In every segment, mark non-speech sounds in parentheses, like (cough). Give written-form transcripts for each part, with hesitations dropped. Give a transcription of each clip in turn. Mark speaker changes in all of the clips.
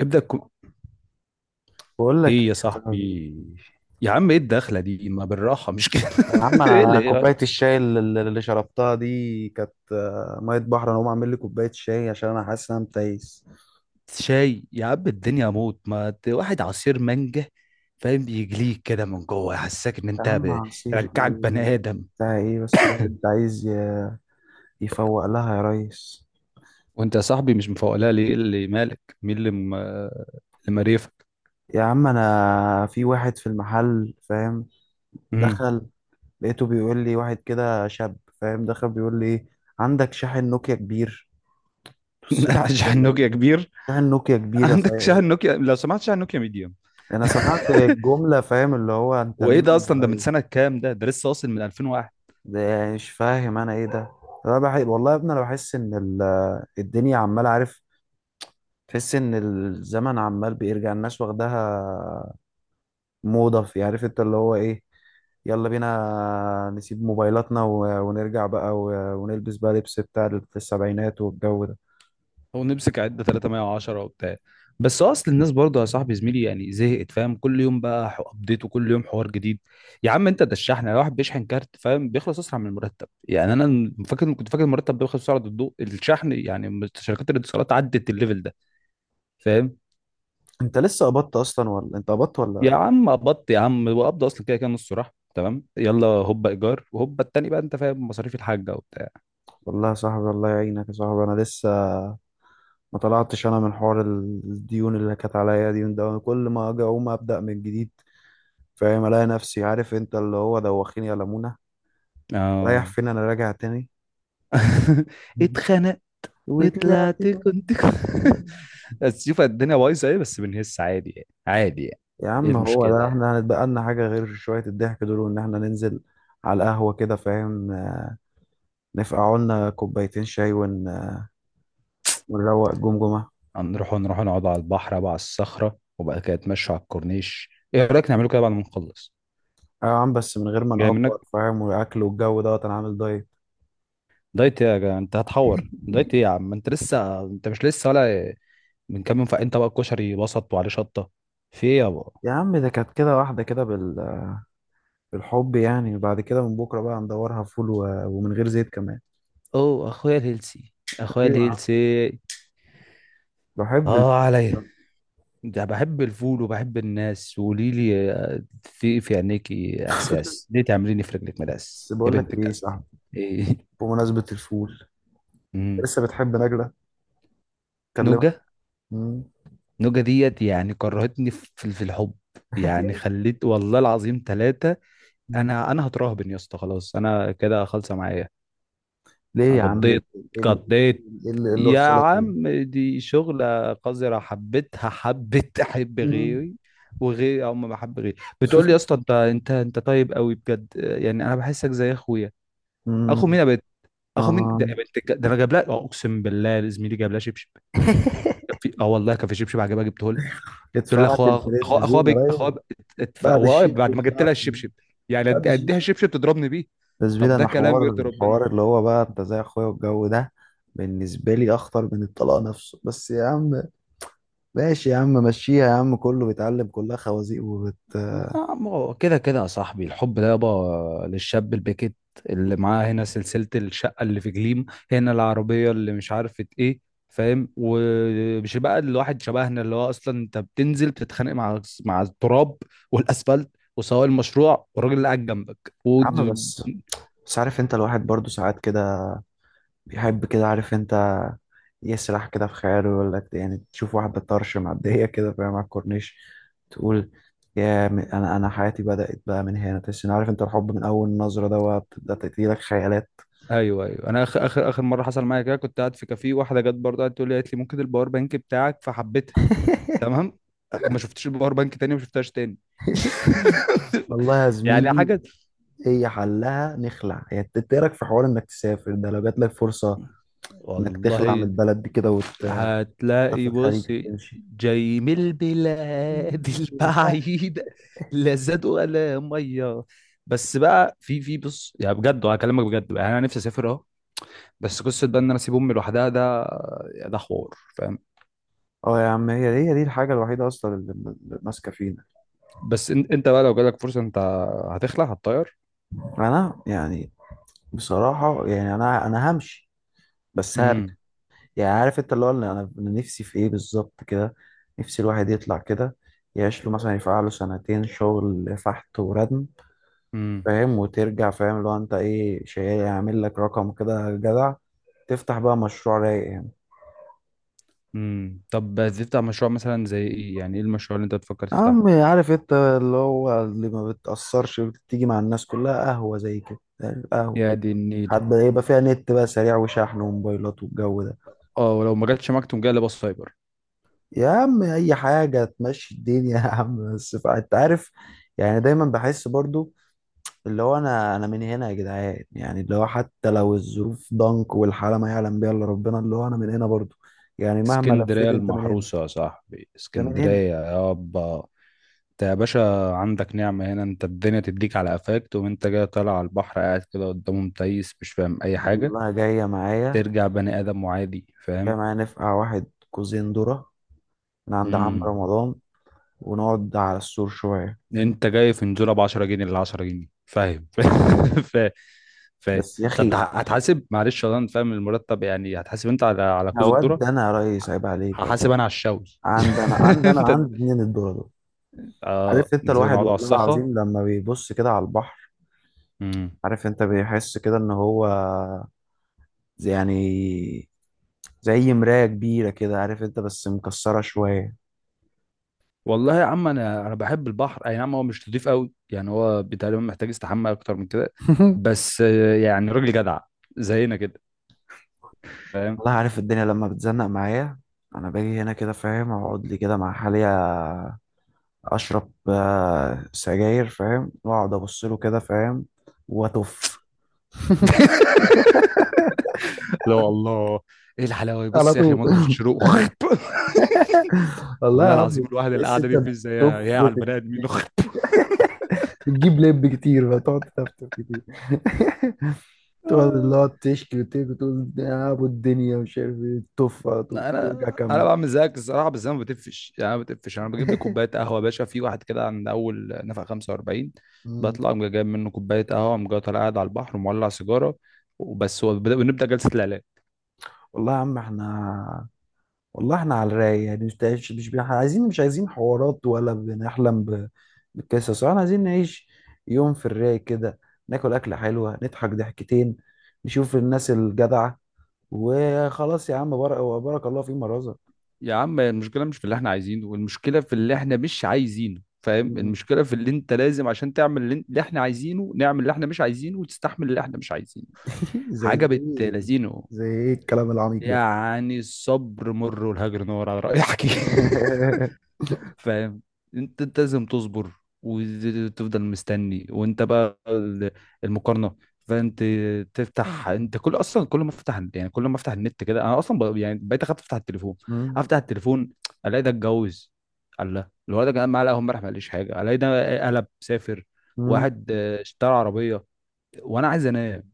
Speaker 1: ابدأ كو...
Speaker 2: بقول لك
Speaker 1: ايه
Speaker 2: ايه
Speaker 1: يا
Speaker 2: يا صاحبي؟
Speaker 1: صاحبي. يا عم ايه الدخلة دي؟ ما بالراحة مش كده.
Speaker 2: يا عم
Speaker 1: (laughs) ايه
Speaker 2: انا
Speaker 1: اللي يعني؟
Speaker 2: كوبايه الشاي اللي شربتها دي كانت ميه بحر. انا هقوم اعمل لي كوبايه شاي عشان انا حاسس ان انا متيس.
Speaker 1: شاي يا عم الدنيا موت، ما ت- واحد عصير مانجا، فاهم، بيجليك كده من جوه يحسسك ان
Speaker 2: يا
Speaker 1: انت
Speaker 2: عم
Speaker 1: ب...
Speaker 2: عصير
Speaker 1: رجعك بني
Speaker 2: ايه؟
Speaker 1: ادم.
Speaker 2: بتاع ايه؟ بس الواحد عايز يفوق لها يا ريس.
Speaker 1: وانت يا صاحبي مش مفوقلها ليه؟ إيه اللي مالك؟ اللي مريفك؟
Speaker 2: يا عم انا في واحد في المحل، فاهم،
Speaker 1: امم
Speaker 2: دخل. لقيته بيقول لي واحد كده شاب، فاهم، دخل بيقول لي ايه: عندك شاحن نوكيا كبير؟ بصيت له
Speaker 1: (laughs)
Speaker 2: كده
Speaker 1: شاحن
Speaker 2: اللي هو
Speaker 1: نوكيا كبير؟
Speaker 2: شاحن نوكيا كبير يا
Speaker 1: عندك شاحن
Speaker 2: صاحبي!
Speaker 1: نوكيا لو سمحت، شاحن نوكيا ميديوم.
Speaker 2: انا سمعت الجمله، فاهم، اللي هو انت
Speaker 1: وايه ده
Speaker 2: مين يا
Speaker 1: اصلا؟ ده من
Speaker 2: ريس؟
Speaker 1: سنة كام؟ ده ده لسه واصل من 2001.
Speaker 2: ده يعني مش فاهم انا ايه ده؟ انا والله يا ابني انا بحس ان الدنيا عماله، عارف، تحس ان الزمن عمال بيرجع الناس واخداها موضه، في، عارف انت اللي هو ايه. يلا بينا نسيب موبايلاتنا ونرجع بقى ونلبس بقى لبس بتاع السبعينات والجو ده.
Speaker 1: هو نمسك عدة 310 وبتاع؟ بس اصل الناس برضه يا صاحبي زميلي يعني زهقت، فاهم، كل يوم بقى ابديت وكل يوم حوار جديد. يا عم انت ده الشحن، لو واحد بيشحن كارت فاهم بيخلص اسرع من المرتب، يعني انا فاكر، كنت فاكر المرتب بيخلص بسرعه الضوء، الشحن يعني شركات الاتصالات عدت الليفل ده، فاهم.
Speaker 2: انت لسه قبضت اصلا، ولا انت قبضت ولا
Speaker 1: يا
Speaker 2: إيه؟
Speaker 1: عم قبضت يا عم، وقبض اصلا كده كده نص راح، تمام، يلا هوبا ايجار وهوبا التاني بقى انت فاهم، مصاريف الحاجه وبتاع.
Speaker 2: والله يا صاحبي الله يعينك يا صاحبي. انا لسه ما طلعتش انا من حوار الديون اللي كانت عليا، ديون. ده كل ما اجي اقوم ابدا من جديد، فاهم، الاقي نفسي، عارف انت، اللي هو دوخيني يا لمونة، رايح
Speaker 1: اه.
Speaker 2: فين انا، راجع تاني.
Speaker 1: (laughs) اتخنق
Speaker 2: (laughs) وطلعت
Speaker 1: وطلعت
Speaker 2: بقى.
Speaker 1: كنت (laughs) بس شوف الدنيا بايظه ايه، بس بنهس عادي يعني، عادي يعني.
Speaker 2: يا
Speaker 1: ايه
Speaker 2: عم هو
Speaker 1: المشكله
Speaker 2: ده
Speaker 1: يعني؟
Speaker 2: احنا هنتبقى لنا حاجة غير شوية الضحك دول، وان احنا ننزل على القهوة كده، فاهم، نفقع لنا كوبايتين شاي ونروق جمجمة.
Speaker 1: هنروح، نروح نقعد على البحر بقى على الصخره، وبعد كده نتمشوا على الكورنيش. ايه رايك نعمله كده بعد ما نخلص؟
Speaker 2: اه يا عم بس من غير ما
Speaker 1: جاي
Speaker 2: نقفر،
Speaker 1: منك.
Speaker 2: فاهم، والاكل والجو دوت، انا عامل دايت.
Speaker 1: دايت إيه يا جا؟ انت هتحور
Speaker 2: (laughs)
Speaker 1: دايت ايه يا عم؟ انت لسه، انت مش لسه ولا؟ من كام يوم فاق انت بقى الكشري وسط وعليه شطه، في ايه يابا؟
Speaker 2: يا عم ده كانت كده واحدة كده بالحب يعني. بعد كده من بكرة بقى ندورها فول ومن غير زيت كمان.
Speaker 1: اوه اخويا الهيلسي، اخويا
Speaker 2: ايوه يا عم
Speaker 1: الهيلسي.
Speaker 2: بحب
Speaker 1: اه عليا،
Speaker 2: الفول.
Speaker 1: ده بحب الفول وبحب الناس. وقولي لي في عينيكي احساس،
Speaker 2: (laughs)
Speaker 1: ليه تعمليني في رجلك مداس
Speaker 2: بس
Speaker 1: يا
Speaker 2: بقول لك
Speaker 1: بنت
Speaker 2: ايه،
Speaker 1: الجزمه؟
Speaker 2: صح،
Speaker 1: ايه؟
Speaker 2: بمناسبة الفول،
Speaker 1: (laughs) مم.
Speaker 2: لسه بتحب نجلة؟ كلمها.
Speaker 1: نوجه،
Speaker 2: مم.
Speaker 1: نوجه ديت، يعني كرهتني في الحب. يعني
Speaker 2: (laughs)
Speaker 1: خليت والله العظيم ثلاثة،
Speaker 2: مم.
Speaker 1: انا هتراهبن يا اسطى، خلاص انا كده خالصه معايا.
Speaker 2: ليه
Speaker 1: أنا
Speaker 2: يا عم؟ ايه
Speaker 1: قضيت،
Speaker 2: اللي إيه اللي-
Speaker 1: قضيت.
Speaker 2: إيه اللي- إيه اللي
Speaker 1: يا
Speaker 2: وصلك كده؟
Speaker 1: عم دي شغلة قذرة، حبيتها، حبيت أحب
Speaker 2: مم.
Speaker 1: غيري، وغيري أو ما بحب غيري بتقول لي يا
Speaker 2: (laughs)
Speaker 1: اسطى أنت أنت طيب قوي بجد، يعني أنا بحسك زي أخويا.
Speaker 2: مم.
Speaker 1: أخو مين يا بنت؟ أخو مين
Speaker 2: آه.
Speaker 1: ده يا بنت ده؟ أنا جايب لها أقسم بالله زميلي جايب لها شبشب. أه والله كان في شبشب عجبها جبته لها، تقول لي
Speaker 2: ادفعت
Speaker 1: أخوها
Speaker 2: الفريند
Speaker 1: أخوها أخوها
Speaker 2: زون يا
Speaker 1: أخوها
Speaker 2: راجل. بعد
Speaker 1: هو
Speaker 2: الشبشب
Speaker 1: بعد ما جبت
Speaker 2: ادفعت
Speaker 1: لها الشبشب، يعني
Speaker 2: بعد
Speaker 1: أديها
Speaker 2: الشبشب.
Speaker 1: الشبشب تضربني بيه.
Speaker 2: بس
Speaker 1: طب
Speaker 2: بينا
Speaker 1: ده
Speaker 2: انا
Speaker 1: كلام
Speaker 2: حوار
Speaker 1: يرضي ربنا؟
Speaker 2: الحوار اللي هو بقى انت زي اخويا والجو ده. بالنسبة لي اخطر من الطلاق نفسه. بس يا عم ماشي يا عم، مشيها يا عم، كله بيتعلم، كلها خوازيق وبت يا
Speaker 1: ما هو كده كده يا صاحبي، الحب ده يابا للشاب الباكت، اللي معاه هنا سلسلة الشقة اللي في جليم، هنا العربية اللي مش عارفة ايه، فاهم. ومش بقى الواحد شبهنا، اللي هو اصلا انت بتنزل بتتخانق مع التراب والاسفلت وسواق المشروع والراجل اللي قاعد جنبك
Speaker 2: عم. بس بس عارف انت، الواحد برضو ساعات كده بيحب كده، عارف انت، يسرح كده في خياله، يقول لك يعني تشوف واحدة طرش معدية (laughs) كده، فاهم، على الكورنيش، تقول يا انا حياتي بدأت بقى من هنا. تحس ان، عارف انت، الحب من اول نظرة ده بقى بتبدأ تجيلك خيالات.
Speaker 1: ايوه ايوه. انا اخر مره حصل معايا كده كنت قاعد في كافيه، واحده جت برضه قعدت تقول لي، قالت لي ممكن الباور بانك بتاعك؟ فحبيتها،
Speaker 2: (laughs)
Speaker 1: تمام، ما شفتش الباور بانك تاني، ما شفتهاش تاني.
Speaker 2: والله يا
Speaker 1: (laughs) يعني
Speaker 2: زميلي،
Speaker 1: حاجة.
Speaker 2: هي حلها نخلع. يعني انت إيه رأيك في حوار انك تسافر ده لو جات لك فرصة، انك تخلع من
Speaker 1: والله
Speaker 2: البلد دي كده وتسافر
Speaker 1: هتلاقي،
Speaker 2: الخليج،
Speaker 1: بص،
Speaker 2: تمشي.
Speaker 1: جاي من البلاد (laughs) البعيدة، لا زاد ولا مية. بس بقى، في بص يعني، بجد وهكلمك بجد بقى، يعني انا نفسي اسافر اهو، بس قصة بقى ان انا اسيب امي لوحدها، ده ده حوار، فاهم.
Speaker 2: اه يا عم، هي دي هي دي الحاجة الوحيدة اصلا اللي ماسكة فينا.
Speaker 1: بس انت بقى لو جالك فرصة، انت هتخلع، هتطير.
Speaker 2: انا يعني بصراحة يعني أنا همشي. بس هرجع. يعني عارف أنت اللي هو اللي أنا نفسي في إيه بالظبط كده. نفسي الواحد يطلع كده، يعيش له مثلا يفقع له سنتين شغل فحت وردم،
Speaker 1: امم
Speaker 2: فاهم، وترجع، فاهم، اللي هو أنت إيه، شيء يعمل لك رقم كده جدع، تفتح بقى مشروع رايق يعني.
Speaker 1: طب هتفتح مشروع مثلا زي ايه؟ يعني ايه المشروع اللي انت بتفكر تفتحه؟
Speaker 2: عم، عارف أنت اللي هو اللي ما بتأثرش، بتيجي مع الناس كلها قهوة زي كده، قهوة،
Speaker 1: يا دي النيلة.
Speaker 2: حتى يبقى فيها نت بقى سريع وشحن وموبايلات والجو ده.
Speaker 1: اه، ولو ما جاتش معاك تقوم جاي لابس سايبر.
Speaker 2: يا عم اي حاجه تمشي الدنيا يا عم، بس انت عارف يعني دايما بحس برضو اللي هو انا من هنا يا جدعان. يعني اللي هو حتى لو الظروف ضنك والحاله ما يعلم بيها الا ربنا، اللي هو انا من هنا برضو. يعني مهما
Speaker 1: اسكندرية
Speaker 2: لفيت انت من هنا،
Speaker 1: المحروسة يا صاحبي،
Speaker 2: انت من هنا.
Speaker 1: اسكندرية يابا. انت يا باشا عندك نعمة هنا، انت الدنيا تديك على قفاك تقوم انت جاي طالع على البحر، قاعد كده قدامه متيس مش فاهم اي حاجة،
Speaker 2: والله جايه معايا،
Speaker 1: ترجع بني ادم وعادي
Speaker 2: جايه
Speaker 1: فاهم.
Speaker 2: معايا نفقع واحد كوزين ذره من عند عم
Speaker 1: امم
Speaker 2: رمضان ونقعد على السور شويه.
Speaker 1: انت جاي في نزوله ب 10 جنيه ل 10 جنيه، فاهم؟ (laughs) فاهم فاهم.
Speaker 2: بس يا
Speaker 1: طب
Speaker 2: اخي،
Speaker 1: هتحاسب؟ معلش والله انا فاهم المرتب يعني. هتحاسب انت على كوز الذره؟
Speaker 2: هود انا يا ريس، عيب عليك يا ريس.
Speaker 1: هحاسب انا على الشوي. (laughs)
Speaker 2: عندنا
Speaker 1: انت.
Speaker 2: عندي اتنين الذره دول.
Speaker 1: اه
Speaker 2: عرفت انت،
Speaker 1: نزلنا
Speaker 2: الواحد
Speaker 1: نقعد على
Speaker 2: والله
Speaker 1: الصخه.
Speaker 2: العظيم لما بيبص كده على البحر،
Speaker 1: امم
Speaker 2: عارف انت، بيحس كده ان هو يعني زي مراية كبيرة كده، عارف انت، بس مكسرة شوية.
Speaker 1: والله يا عم انا بحب البحر، اي نعم هو مش نضيف قوي يعني، هو تقريبا محتاج استحمى اكتر من كده.
Speaker 2: (laughs)
Speaker 1: بس يعني راجل جدع زينا كده، فاهم.
Speaker 2: والله عارف الدنيا لما بتزنق معايا انا باجي هنا كده، فاهم، اقعد لي كده مع حالي، اشرب سجاير، فاهم، واقعد ابص له كده، فاهم، واتف.
Speaker 1: (laughs) لا والله. ايه الحلاوه؟
Speaker 2: (laughs) على
Speaker 1: بص يا اخي
Speaker 2: طول.
Speaker 1: منظر الشروق. (laughs)
Speaker 2: (laughs) والله يا
Speaker 1: والله
Speaker 2: عم،
Speaker 1: العظيم الواحد
Speaker 2: بس
Speaker 1: القعده
Speaker 2: انت
Speaker 1: دي مفيش زيها
Speaker 2: بتطف
Speaker 1: يا على
Speaker 2: في-
Speaker 1: البني ادمين. (laughs) اخت.
Speaker 2: بتجيب لب كتير فتقعد تفتف كتير. (laughs) تقعد اللي
Speaker 1: آه،
Speaker 2: هو تشكي وتبكي، تقول يا ابو الدنيا مش عارف ايه، تف على طول وارجع
Speaker 1: انا انا
Speaker 2: كمل.
Speaker 1: بعمل زيك الصراحه، بس انا ما بتفش يعني، انا ما بتفش، انا بجيب لي كوبايه
Speaker 2: (laughs)
Speaker 1: قهوه يا باشا في واحد كده عند اول نفق 45،
Speaker 2: مم.
Speaker 1: بطلع أقوم جايب منه كوبايه قهوه، أقوم جاي طالع قاعد على البحر ومولع سيجاره، وبس هو ونبدا جلسه العلاج.
Speaker 2: والله يا عم احنا، والله احنا على الرايق يعني. مش عايزين، مش عايزين حوارات، ولا بنحلم بالقصص. احنا عايزين نعيش يوم في الرايق كده، ناكل اكله حلوه، نضحك ضحكتين، نشوف الناس الجدعه، وخلاص يا عم بارك، وبارك الله فيما رزق.
Speaker 1: يا عم المشكله مش في اللي احنا عايزينه، والمشكله في اللي احنا مش عايزينه، فاهم.
Speaker 2: مم.
Speaker 1: المشكله في اللي انت لازم عشان تعمل اللي اللي احنا عايزينه، نعمل اللي احنا مش عايزينه وتستحمل اللي احنا مش عايزينه.
Speaker 2: (laughs) زي
Speaker 1: حاجه بت
Speaker 2: ايه؟
Speaker 1: لذينه.
Speaker 2: زي ايه الكلام العميق ده؟
Speaker 1: يعني الصبر مر والهجر نور على رأي حكي. (laughs)
Speaker 2: (laughs)
Speaker 1: فاهم. انت، انت لازم تصبر وتفضل مستني، وانت بقى المقارنه، فانت تفتح انت كل، اصلا كل ما افتح يعني، كل ما افتح النت كده انا اصلا يعني بقيت اخاف افتح التليفون،
Speaker 2: مم.
Speaker 1: افتح التليفون الاقي ده اتجوز، الله، الولد ده كان معاه قهوه امبارح ما قاليش حاجه، الاقي ده قلب سافر،
Speaker 2: مم.
Speaker 1: واحد اشترى عربيه، وانا عايز انام.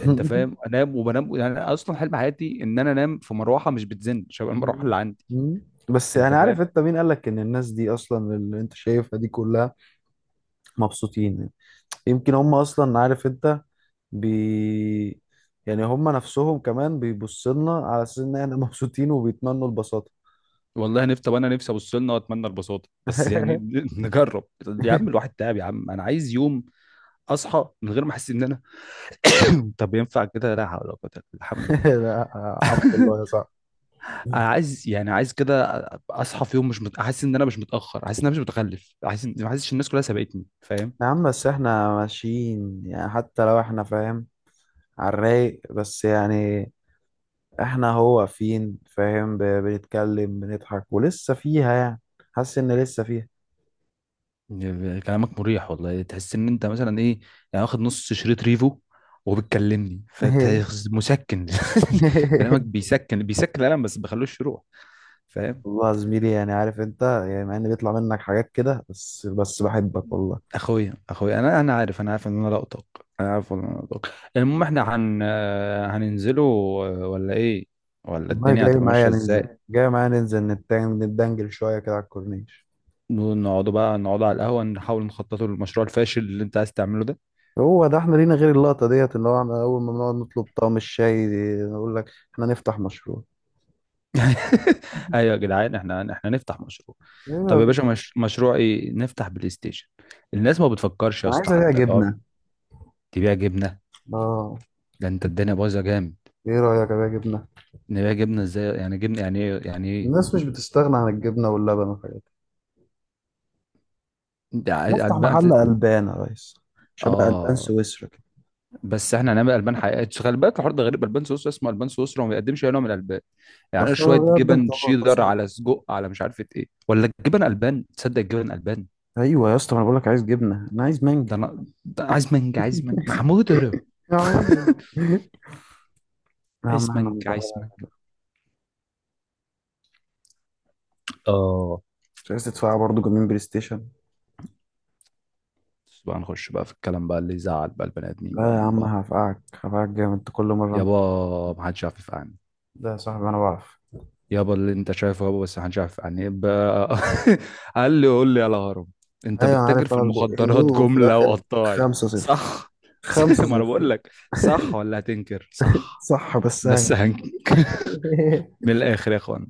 Speaker 1: انت فاهم؟ انام وبنام يعني، انا اصلا حلم حياتي ان انا انام في مروحه مش بتزن شبه المروحه
Speaker 2: مم.
Speaker 1: اللي عندي،
Speaker 2: مم. بس
Speaker 1: انت
Speaker 2: يعني
Speaker 1: فاهم.
Speaker 2: عارف انت مين قالك ان الناس دي اصلا اللي انت شايفها دي كلها مبسوطين؟ يمكن هم اصلا، عارف انت، بي، يعني هم نفسهم كمان بيبصوا لنا على اساس ان احنا مبسوطين وبيتمنوا البساطة.
Speaker 1: والله نفسي. طب انا نفسي ابص لنا واتمنى البساطه، بس يعني
Speaker 2: (laughs)
Speaker 1: (laughs) نجرب. يا عم الواحد تعب يا عم، انا عايز يوم اصحى من غير ما احس ان انا (coughs) (clears throat) طب ينفع كده؟ لا حول ولا قوه إلا بالله. الحمد لله.
Speaker 2: لا عمك
Speaker 1: (laughs)
Speaker 2: الله يا صاحبي.
Speaker 1: انا عايز يعني، عايز كده اصحى في يوم مش احس ان انا مش متاخر، احس ان انا مش متخلف، احس ان ما احسش الناس كلها سبقتني، فاهم.
Speaker 2: يا عم بس احنا ماشيين، يعني حتى لو احنا، فاهم، على الرايق، بس يعني احنا هو فين، فاهم، بنتكلم بنضحك ولسه فيها، يعني حاسس ان لسه فيها.
Speaker 1: كلامك مريح والله، تحس ان انت مثلا ايه، يعني واخد نص شريط ريفو وبتكلمني
Speaker 2: (laughs)
Speaker 1: فمسكن. (laughs) كلامك بيسكن، بيسكن القلم بس بخلوش يروح، فاهم.
Speaker 2: والله يا زميلي، يعني عارف انت، يعني مع ان بيطلع منك حاجات كده، بس بس بحبك والله.
Speaker 1: اخويا اخويا، انا عارف، انا عارف ان انا لقطك، انا عارف ان انا لقطك. المهم احنا هن آه، هننزله ولا ايه؟ ولا
Speaker 2: والله
Speaker 1: الدنيا
Speaker 2: جاي
Speaker 1: هتبقى
Speaker 2: معايا
Speaker 1: ماشيه
Speaker 2: ننزل،
Speaker 1: ازاي؟
Speaker 2: جاي معايا ننزل نتدنجل شويه كده على الكورنيش.
Speaker 1: نقعدوا بقى، نقعدوا على القهوه، نحاول نخططوا للمشروع الفاشل اللي انت عايز تعمله ده.
Speaker 2: هو ده احنا لينا غير اللقطه ديت اللي هو احنا اول ما بنقعد نطلب طعم الشاي دي، نقول لك احنا نفتح مشروع.
Speaker 1: (laughs) ايوه يا جدعان، احنا نفتح مشروع.
Speaker 2: ايوه
Speaker 1: طب يا
Speaker 2: ده.
Speaker 1: باشا مش... مشروع ايه؟ نفتح بلاي ستيشن؟ الناس ما بتفكرش يا
Speaker 2: انا
Speaker 1: اسطى
Speaker 2: عايز ابيع
Speaker 1: حتى لو.
Speaker 2: جبنه.
Speaker 1: تبيع جبنه؟
Speaker 2: اه.
Speaker 1: ده انت الدنيا بايظه جامد.
Speaker 2: ايه رايك ابيع جبنه؟
Speaker 1: نبيع جبنه ازاي؟ يعني جبنه يعني ايه يعني ايه؟
Speaker 2: الناس مش بتستغنى عن الجبنه واللبن والحاجات
Speaker 1: ده
Speaker 2: دي.
Speaker 1: عايز
Speaker 2: نفتح
Speaker 1: البان.
Speaker 2: محل قلبان يا ريس شبه قلبان
Speaker 1: اه
Speaker 2: سويسرا كده.
Speaker 1: بس احنا هنعمل البان حقيقيه، خلي بالك الحوار ده غريب. البان سويسرا اسمه البان سويسرا وما بيقدمش اي نوع من الالبان، يعني إيه
Speaker 2: اصلا
Speaker 1: شويه
Speaker 2: بقدم
Speaker 1: جبن
Speaker 2: طبقات.
Speaker 1: شيدر على سجق على مش عارف ايه؟ ولا الجبن البان تصدق، الجبن البان.
Speaker 2: ايوه يا اسطى، ما انا بقول لك عايز جبنه، انا عايز مانجا.
Speaker 1: ده انا ده عايز مانجا، عايز مانجا محمود. (laughs) اضرب.
Speaker 2: يا عم. (laughs) يا عم
Speaker 1: عايز
Speaker 2: احنا
Speaker 1: منك،
Speaker 2: ندور.
Speaker 1: عايز منك. اه
Speaker 2: مش عايز تدفع برضه جيمين بلاي ستيشن؟
Speaker 1: بس بقى نخش بقى في الكلام بقى اللي يزعل بقى البني ادمين
Speaker 2: لا
Speaker 1: بقى
Speaker 2: يا
Speaker 1: من
Speaker 2: عم
Speaker 1: بعض.
Speaker 2: هفقعك، هفقعك جامد انت كل مره انت.
Speaker 1: يابا ما حدش يعرف يفقعني.
Speaker 2: لا يا صاحبي انا بعرف.
Speaker 1: يابا اللي انت شايفه يابا بس ما حدش يعرف يفقعني يبقى. (laughs) قال لي قول لي يا الهرم، انت
Speaker 2: ايوه انا
Speaker 1: بتتاجر
Speaker 2: عارف
Speaker 1: في
Speaker 2: انا البقين دول
Speaker 1: المخدرات
Speaker 2: وفي
Speaker 1: جمله
Speaker 2: الاخر
Speaker 1: وقطاعي،
Speaker 2: 5 0.
Speaker 1: صح؟ (laughs)
Speaker 2: 5
Speaker 1: ما انا
Speaker 2: 0.
Speaker 1: بقول لك صح، ولا هتنكر؟ صح
Speaker 2: صح بس هاي.
Speaker 1: بس هنكر. (laughs) من
Speaker 2: (laughs)
Speaker 1: الاخر يا اخوان،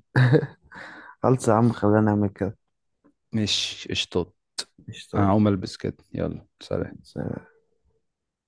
Speaker 2: خلص يا عم خلينا نعمل كده.
Speaker 1: مش قشطات؟ انا
Speaker 2: قشطة.
Speaker 1: هقوم البس كده، يلا سلام.